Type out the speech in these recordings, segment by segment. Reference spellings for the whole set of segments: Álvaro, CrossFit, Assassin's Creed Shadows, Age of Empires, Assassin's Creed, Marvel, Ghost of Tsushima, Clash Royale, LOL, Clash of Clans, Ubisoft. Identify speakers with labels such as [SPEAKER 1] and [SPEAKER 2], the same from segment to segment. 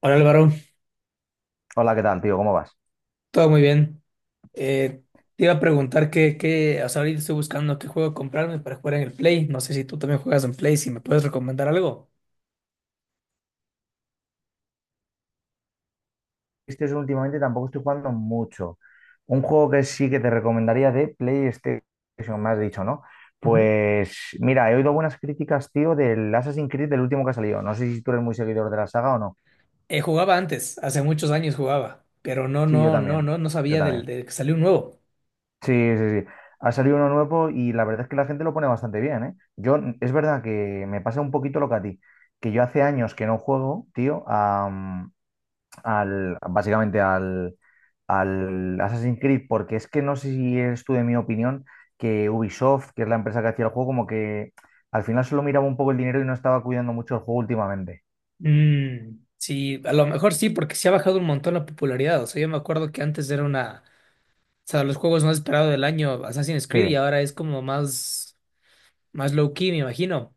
[SPEAKER 1] Hola Álvaro,
[SPEAKER 2] Hola, ¿qué tal, tío? ¿Cómo vas?
[SPEAKER 1] todo muy bien. Eh, te iba a preguntar o sea, ahorita estoy buscando qué juego comprarme para jugar en el Play. No sé si tú también juegas en Play, si me puedes recomendar algo.
[SPEAKER 2] Este es Últimamente tampoco estoy jugando mucho. Un juego que sí que te recomendaría de PlayStation, me has dicho, ¿no?
[SPEAKER 1] Ujú.
[SPEAKER 2] Pues mira, he oído buenas críticas, tío, del Assassin's Creed, del último que ha salido. No sé si tú eres muy seguidor de la saga o no.
[SPEAKER 1] Jugaba antes, hace muchos años jugaba, pero
[SPEAKER 2] Sí, yo también.
[SPEAKER 1] no
[SPEAKER 2] Yo
[SPEAKER 1] sabía
[SPEAKER 2] también.
[SPEAKER 1] de que salió un nuevo.
[SPEAKER 2] Sí, sí, sí. Ha salido uno nuevo y la verdad es que la gente lo pone bastante bien, ¿eh? Yo, es verdad que me pasa un poquito lo que a ti, que yo hace años que no juego, tío, básicamente al Assassin's Creed, porque es que no sé si eres tú de mi opinión, que Ubisoft, que es la empresa que hacía el juego, como que al final solo miraba un poco el dinero y no estaba cuidando mucho el juego últimamente.
[SPEAKER 1] Mm, sí, a lo mejor sí, porque sí ha bajado un montón la popularidad. O sea, yo me acuerdo que antes era una, o sea, los juegos más esperados del año, Assassin's
[SPEAKER 2] Sí,
[SPEAKER 1] Creed, y ahora es como más, más low key, me imagino.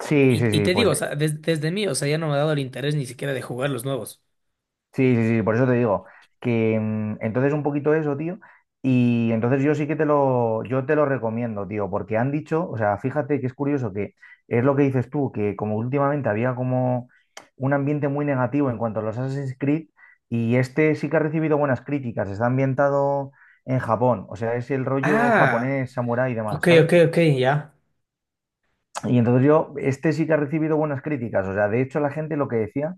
[SPEAKER 2] sí,
[SPEAKER 1] Y,
[SPEAKER 2] sí,
[SPEAKER 1] y
[SPEAKER 2] sí,
[SPEAKER 1] te
[SPEAKER 2] pues.
[SPEAKER 1] digo, o sea, desde mí, o sea, ya no me ha dado el interés ni siquiera de jugar los nuevos.
[SPEAKER 2] Sí, sí, sí, por eso te digo que entonces un poquito eso, tío, y entonces yo te lo recomiendo, tío, porque han dicho, o sea, fíjate que es curioso que es lo que dices tú, que como últimamente había como un ambiente muy negativo en cuanto a los Assassin's Creed, y este sí que ha recibido buenas críticas, está ambientado en Japón, o sea, es el rollo
[SPEAKER 1] Ah,
[SPEAKER 2] japonés, samurái y demás,
[SPEAKER 1] ok, ok,
[SPEAKER 2] ¿sabes?
[SPEAKER 1] ok, ya.
[SPEAKER 2] Y entonces yo, este sí que ha recibido buenas críticas. O sea, de hecho la gente lo que decía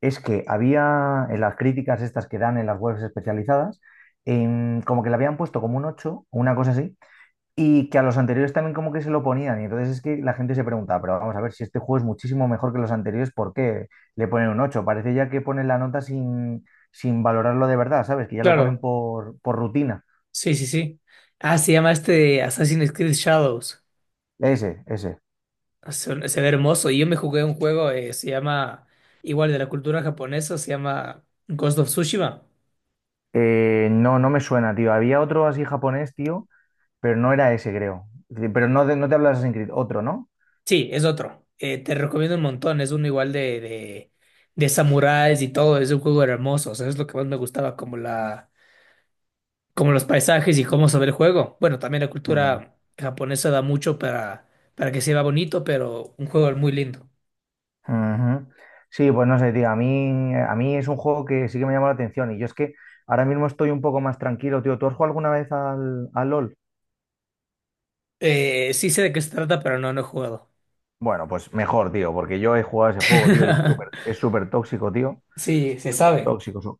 [SPEAKER 2] es que había en las críticas estas que dan en las webs especializadas, como que le habían puesto como un 8 una cosa así, y que a los anteriores también como que se lo ponían. Y entonces es que la gente se preguntaba, pero vamos a ver si este juego es muchísimo mejor que los anteriores, ¿por qué le ponen un ocho? Parece ya que ponen la nota sin valorarlo de verdad, ¿sabes? Que ya lo ponen
[SPEAKER 1] Claro.
[SPEAKER 2] por rutina.
[SPEAKER 1] Sí, sí, sí. Ah, se llama este Assassin's Creed Shadows.
[SPEAKER 2] Ese, ese.
[SPEAKER 1] Ah, se ve hermoso. Y yo me jugué un juego, se llama, igual de la cultura japonesa, se llama Ghost of Tsushima.
[SPEAKER 2] No, no me suena, tío. Había otro así japonés, tío. Pero no era ese, creo. Sí, pero no, no te hablo de Assassin's Creed, otro, ¿no?
[SPEAKER 1] Sí, es otro. Te recomiendo un montón. Es uno igual de samuráis y todo. Es un juego hermoso. O sea, es lo que más me gustaba, como la como los paisajes y cómo se ve el juego. Bueno, también la
[SPEAKER 2] Mm,
[SPEAKER 1] cultura japonesa da mucho para, que se vea bonito, pero un juego muy lindo.
[SPEAKER 2] ujú. Sí, pues no sé, tío. A mí es un juego que sí que me llama la atención. Y yo es que ahora mismo estoy un poco más tranquilo, tío. ¿Tú has jugado alguna vez al LOL?
[SPEAKER 1] Sí sé de qué se trata, pero no he jugado.
[SPEAKER 2] Bueno, pues mejor, tío, porque yo he jugado ese juego, tío, y es súper tóxico, tío.
[SPEAKER 1] Sí, se
[SPEAKER 2] Súper
[SPEAKER 1] sabe.
[SPEAKER 2] tóxico.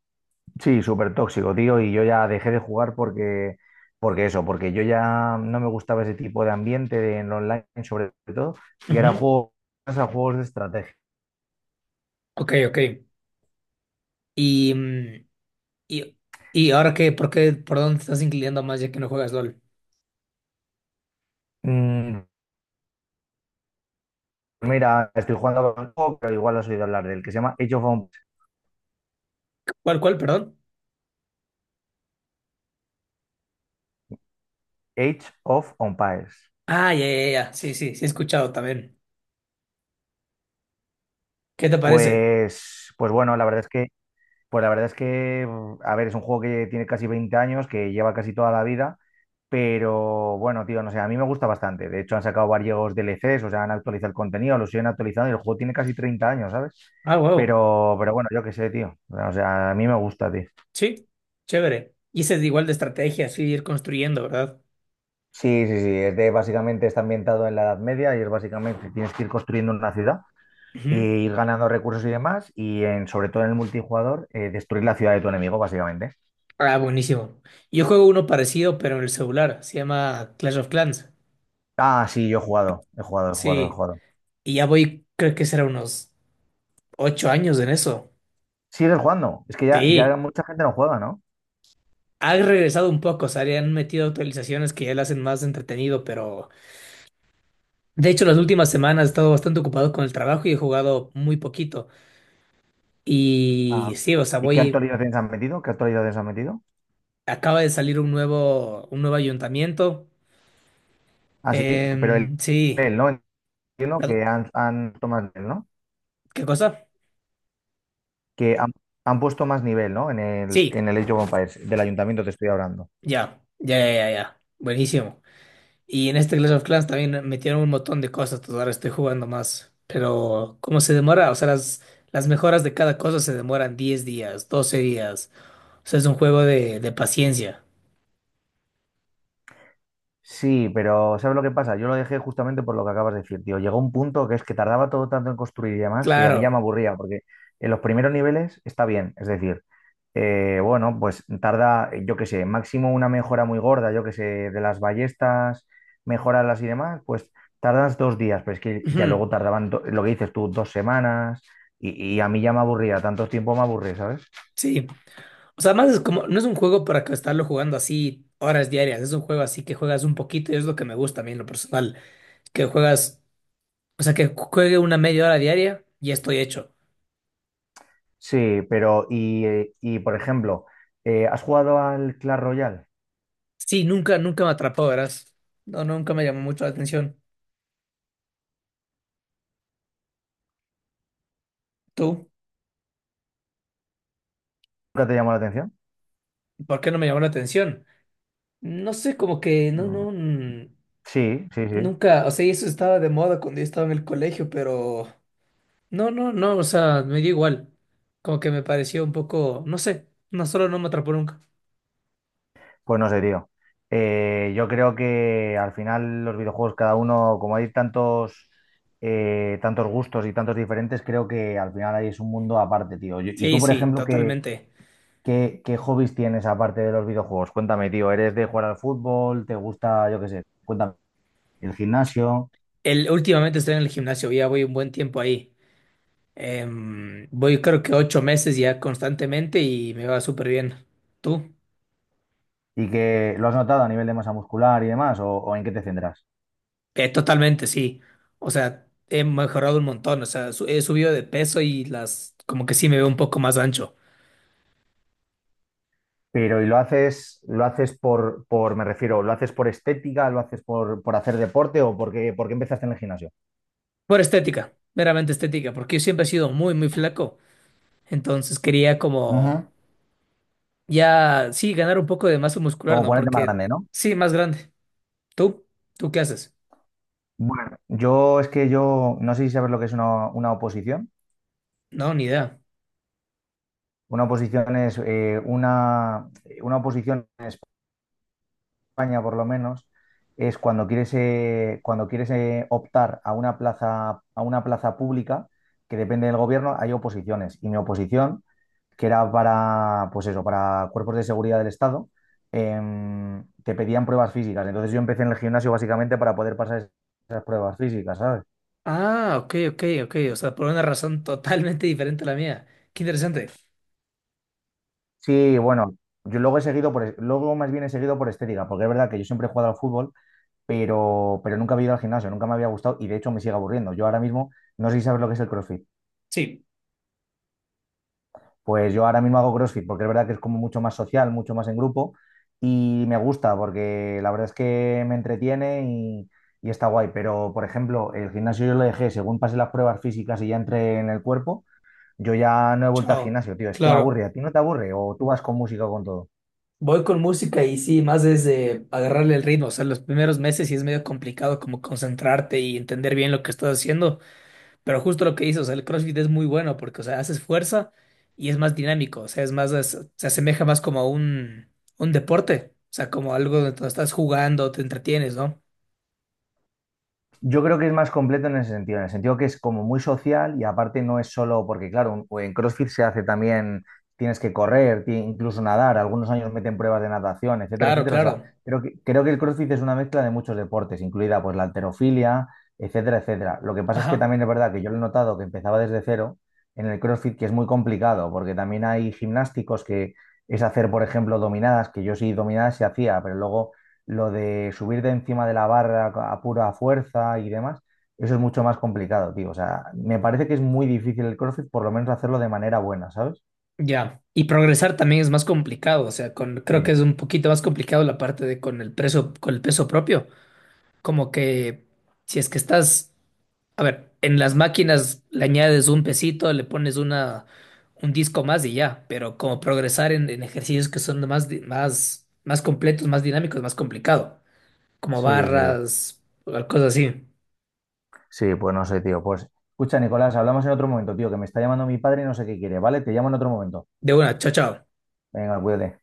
[SPEAKER 2] Sí, súper tóxico, tío. Y yo ya dejé de jugar porque, porque eso, porque yo ya no me gustaba ese tipo de ambiente en online, sobre todo. Y era
[SPEAKER 1] Ujú.
[SPEAKER 2] juego a juegos de estrategia.
[SPEAKER 1] Ok, ok. Y, mm, y, y ahora qué, ¿ por dónde te estás inclinando más ya que no juegas LOL?
[SPEAKER 2] Mm, Mira, estoy jugando con un juego, pero igual has oído hablar del que se llama
[SPEAKER 1] ¿ perdón?
[SPEAKER 2] Age of Empires.
[SPEAKER 1] Ah, ya, ya, ya. Sí, sí, sí he escuchado también. ¿Qué te parece?
[SPEAKER 2] Pues bueno, la verdad es que, a ver, es un juego que tiene casi 20 años, que lleva casi toda la vida, pero bueno, tío, no sé, a mí me gusta bastante. De hecho, han sacado varios DLCs, o sea, han actualizado el contenido, lo siguen actualizando y el juego tiene casi 30 años, ¿sabes?
[SPEAKER 1] Ah, wow.
[SPEAKER 2] Pero bueno, yo qué sé, tío. O sea, a mí me gusta, tío.
[SPEAKER 1] Sí, chévere. Y ese es igual de estrategia, así ir construyendo, ¿verdad?
[SPEAKER 2] Sí, sí, sí, es de básicamente está ambientado en la Edad Media y es básicamente tienes que ir construyendo una ciudad e
[SPEAKER 1] Ujú.
[SPEAKER 2] ir ganando recursos y demás y sobre todo en el multijugador destruir la ciudad de tu enemigo básicamente.
[SPEAKER 1] Ah, buenísimo. Yo juego uno parecido, pero en el celular. Se llama Clash of Clans.
[SPEAKER 2] Ah, sí, yo he jugado, he jugado, he jugado, he
[SPEAKER 1] Sí.
[SPEAKER 2] jugado.
[SPEAKER 1] Y ya voy, creo que será unos 8 años en eso.
[SPEAKER 2] Sigues jugando, es que ya, ya
[SPEAKER 1] Sí.
[SPEAKER 2] mucha gente no juega, ¿no?
[SPEAKER 1] Ha regresado un poco, o sea, le han metido actualizaciones que ya lo hacen más entretenido, pero de hecho las últimas semanas he estado bastante ocupado con el trabajo y he jugado muy poquito. Y
[SPEAKER 2] Ah,
[SPEAKER 1] sí, o sea,
[SPEAKER 2] ¿y qué
[SPEAKER 1] voy,
[SPEAKER 2] actualizaciones han metido? ¿Qué actualizaciones han metido?
[SPEAKER 1] acaba de salir un nuevo ayuntamiento.
[SPEAKER 2] Ah, sí, pero el
[SPEAKER 1] Sí.
[SPEAKER 2] nivel, ¿no? Entiendo
[SPEAKER 1] Perdón,
[SPEAKER 2] que han puesto más nivel, ¿no?
[SPEAKER 1] ¿qué cosa?
[SPEAKER 2] Que han puesto más nivel, ¿no? En el,
[SPEAKER 1] Sí,
[SPEAKER 2] en el Age of Empires, del ayuntamiento te estoy hablando.
[SPEAKER 1] ya, ya, ya, ya, ya. Buenísimo. Y en este Clash of Clans también metieron un montón de cosas, entonces ahora estoy jugando más. Pero ¿cómo se demora? O sea, las mejoras de cada cosa se demoran 10 días, 12 días. O sea, es un juego de paciencia.
[SPEAKER 2] Sí, pero ¿sabes lo que pasa? Yo lo dejé justamente por lo que acabas de decir, tío. Llegó un punto que es que tardaba todo tanto en construir y demás que a mí ya me
[SPEAKER 1] Claro.
[SPEAKER 2] aburría, porque en los primeros niveles está bien, es decir, bueno, pues tarda, yo qué sé, máximo una mejora muy gorda, yo qué sé, de las ballestas, mejorarlas y demás, pues tardas 2 días, pero es que ya
[SPEAKER 1] Ujú.
[SPEAKER 2] luego tardaban, lo que dices tú, 2 semanas, y a mí ya me aburría, tanto tiempo me aburría, ¿sabes?
[SPEAKER 1] Sí. O sea, más es como, no es un juego para que estarlo jugando así horas diarias, es un juego así que juegas un poquito y es lo que me gusta a mí en lo personal, que juegas, o sea, que juegue una media hora diaria y estoy hecho.
[SPEAKER 2] Sí, pero, y por ejemplo, ¿has jugado al Clash Royale?
[SPEAKER 1] Sí, nunca, nunca me atrapó, verás. No, nunca me llamó mucho la atención. ¿Tú?
[SPEAKER 2] ¿Nunca te llamó la atención?
[SPEAKER 1] ¿Por qué no me llamó la atención? No sé, como que no,
[SPEAKER 2] Mm,
[SPEAKER 1] no,
[SPEAKER 2] sí, sí, sí.
[SPEAKER 1] nunca, o sea, y eso estaba de moda cuando yo estaba en el colegio, pero no, no, no, o sea, me dio igual. Como que me pareció un poco, no sé, no solo no me atrapó nunca.
[SPEAKER 2] Pues no sé, tío. Yo creo que al final los videojuegos, cada uno, como hay tantos, tantos gustos y tantos diferentes, creo que al final ahí es un mundo aparte, tío. Y
[SPEAKER 1] Sí,
[SPEAKER 2] tú, por
[SPEAKER 1] sí,
[SPEAKER 2] ejemplo, ¿qué,
[SPEAKER 1] totalmente.
[SPEAKER 2] qué, qué hobbies tienes aparte de los videojuegos? Cuéntame, tío. ¿Eres de jugar al fútbol? ¿Te gusta, yo qué sé? Cuéntame, el gimnasio
[SPEAKER 1] Últimamente estoy en el gimnasio, ya voy un buen tiempo ahí. Voy creo que 8 meses ya constantemente y me va súper bien. ¿Tú?
[SPEAKER 2] y que lo has notado a nivel de masa muscular y demás, o en qué te centras.
[SPEAKER 1] Totalmente, sí. O sea, he mejorado un montón. O sea, he subido de peso y las, como que sí me veo un poco más ancho.
[SPEAKER 2] Pero, ¿y lo haces me refiero, lo haces por estética, lo haces por hacer deporte o porque empezaste en el gimnasio?
[SPEAKER 1] Por estética, meramente estética, porque yo siempre he sido muy, muy flaco. Entonces quería como
[SPEAKER 2] Ujú.
[SPEAKER 1] ya, sí, ganar un poco de masa muscular,
[SPEAKER 2] ¿Como
[SPEAKER 1] ¿no?
[SPEAKER 2] ponerte más
[SPEAKER 1] Porque
[SPEAKER 2] grande, no?
[SPEAKER 1] sí, más grande. ¿Tú? ¿Tú qué haces?
[SPEAKER 2] Bueno, yo es que yo no sé si sabes lo que es una oposición.
[SPEAKER 1] No, ni idea.
[SPEAKER 2] Una oposición es una oposición en España, por lo menos, es cuando quieres optar a una plaza pública que depende del gobierno, hay oposiciones. Y mi oposición que era para, pues eso, para cuerpos de seguridad del Estado, te pedían pruebas físicas. Entonces yo empecé en el gimnasio básicamente para poder pasar esas pruebas físicas, ¿sabes?
[SPEAKER 1] Ah, ok, ok, ok. O sea, por una razón totalmente diferente a la mía. Qué interesante.
[SPEAKER 2] Sí, bueno, yo luego he seguido por, luego más bien he seguido por estética, porque es verdad que yo siempre he jugado al fútbol, pero nunca había ido al gimnasio, nunca me había gustado y de hecho me sigue aburriendo. Yo ahora mismo no sé si sabes lo que es el CrossFit.
[SPEAKER 1] Sí.
[SPEAKER 2] Pues yo ahora mismo hago CrossFit porque es verdad que es como mucho más social, mucho más en grupo y me gusta porque la verdad es que me entretiene y está guay. Pero, por ejemplo, el gimnasio yo lo dejé según pasé las pruebas físicas y ya entré en el cuerpo, yo ya no he vuelto al
[SPEAKER 1] Chao.
[SPEAKER 2] gimnasio, tío. Es que me
[SPEAKER 1] Claro.
[SPEAKER 2] aburre. ¿A ti no te aburre? ¿O tú vas con música o con todo?
[SPEAKER 1] Voy con música y sí, más desde agarrarle el ritmo. O sea, los primeros meses sí es medio complicado como concentrarte y entender bien lo que estás haciendo. Pero justo lo que dices, o sea, el CrossFit es muy bueno porque, o sea, haces fuerza y es más dinámico. O sea, es más, se asemeja más como a un deporte. O sea, como algo donde tú estás jugando, te entretienes, ¿no?
[SPEAKER 2] Yo creo que es más completo en ese sentido, en el sentido que es como muy social y aparte no es solo porque, claro, en CrossFit se hace también, tienes que correr, incluso nadar, algunos años meten pruebas de natación, etcétera,
[SPEAKER 1] Claro,
[SPEAKER 2] etcétera. O sea,
[SPEAKER 1] claro.
[SPEAKER 2] creo que el CrossFit es una mezcla de muchos deportes, incluida pues la halterofilia, etcétera, etcétera. Lo que pasa es que
[SPEAKER 1] Ajá.
[SPEAKER 2] también es verdad que yo lo he notado que empezaba desde cero en el CrossFit, que es muy complicado, porque también hay gimnásticos que es hacer, por ejemplo, dominadas, que yo sí dominadas se hacía, pero luego lo de subir de encima de la barra a pura fuerza y demás, eso es mucho más complicado, tío. O sea, me parece que es muy difícil el CrossFit, por lo menos hacerlo de manera buena, ¿sabes?
[SPEAKER 1] Ya. Y progresar también es más complicado. O sea, creo que
[SPEAKER 2] Sí.
[SPEAKER 1] es un poquito más complicado la parte de con el peso propio. Como que si es que estás. A ver, en las máquinas le añades un pesito, le pones una, un disco más y ya, pero como progresar en ejercicios que son más, más, más completos, más dinámicos, es más complicado, como
[SPEAKER 2] Sí, sí.
[SPEAKER 1] barras, o cosas así.
[SPEAKER 2] Sí, pues no sé, tío. Pues escucha, Nicolás, hablamos en otro momento, tío, que me está llamando mi padre y no sé qué quiere, ¿vale? Te llamo en otro momento.
[SPEAKER 1] De una, chao, chao.
[SPEAKER 2] Venga, cuídate.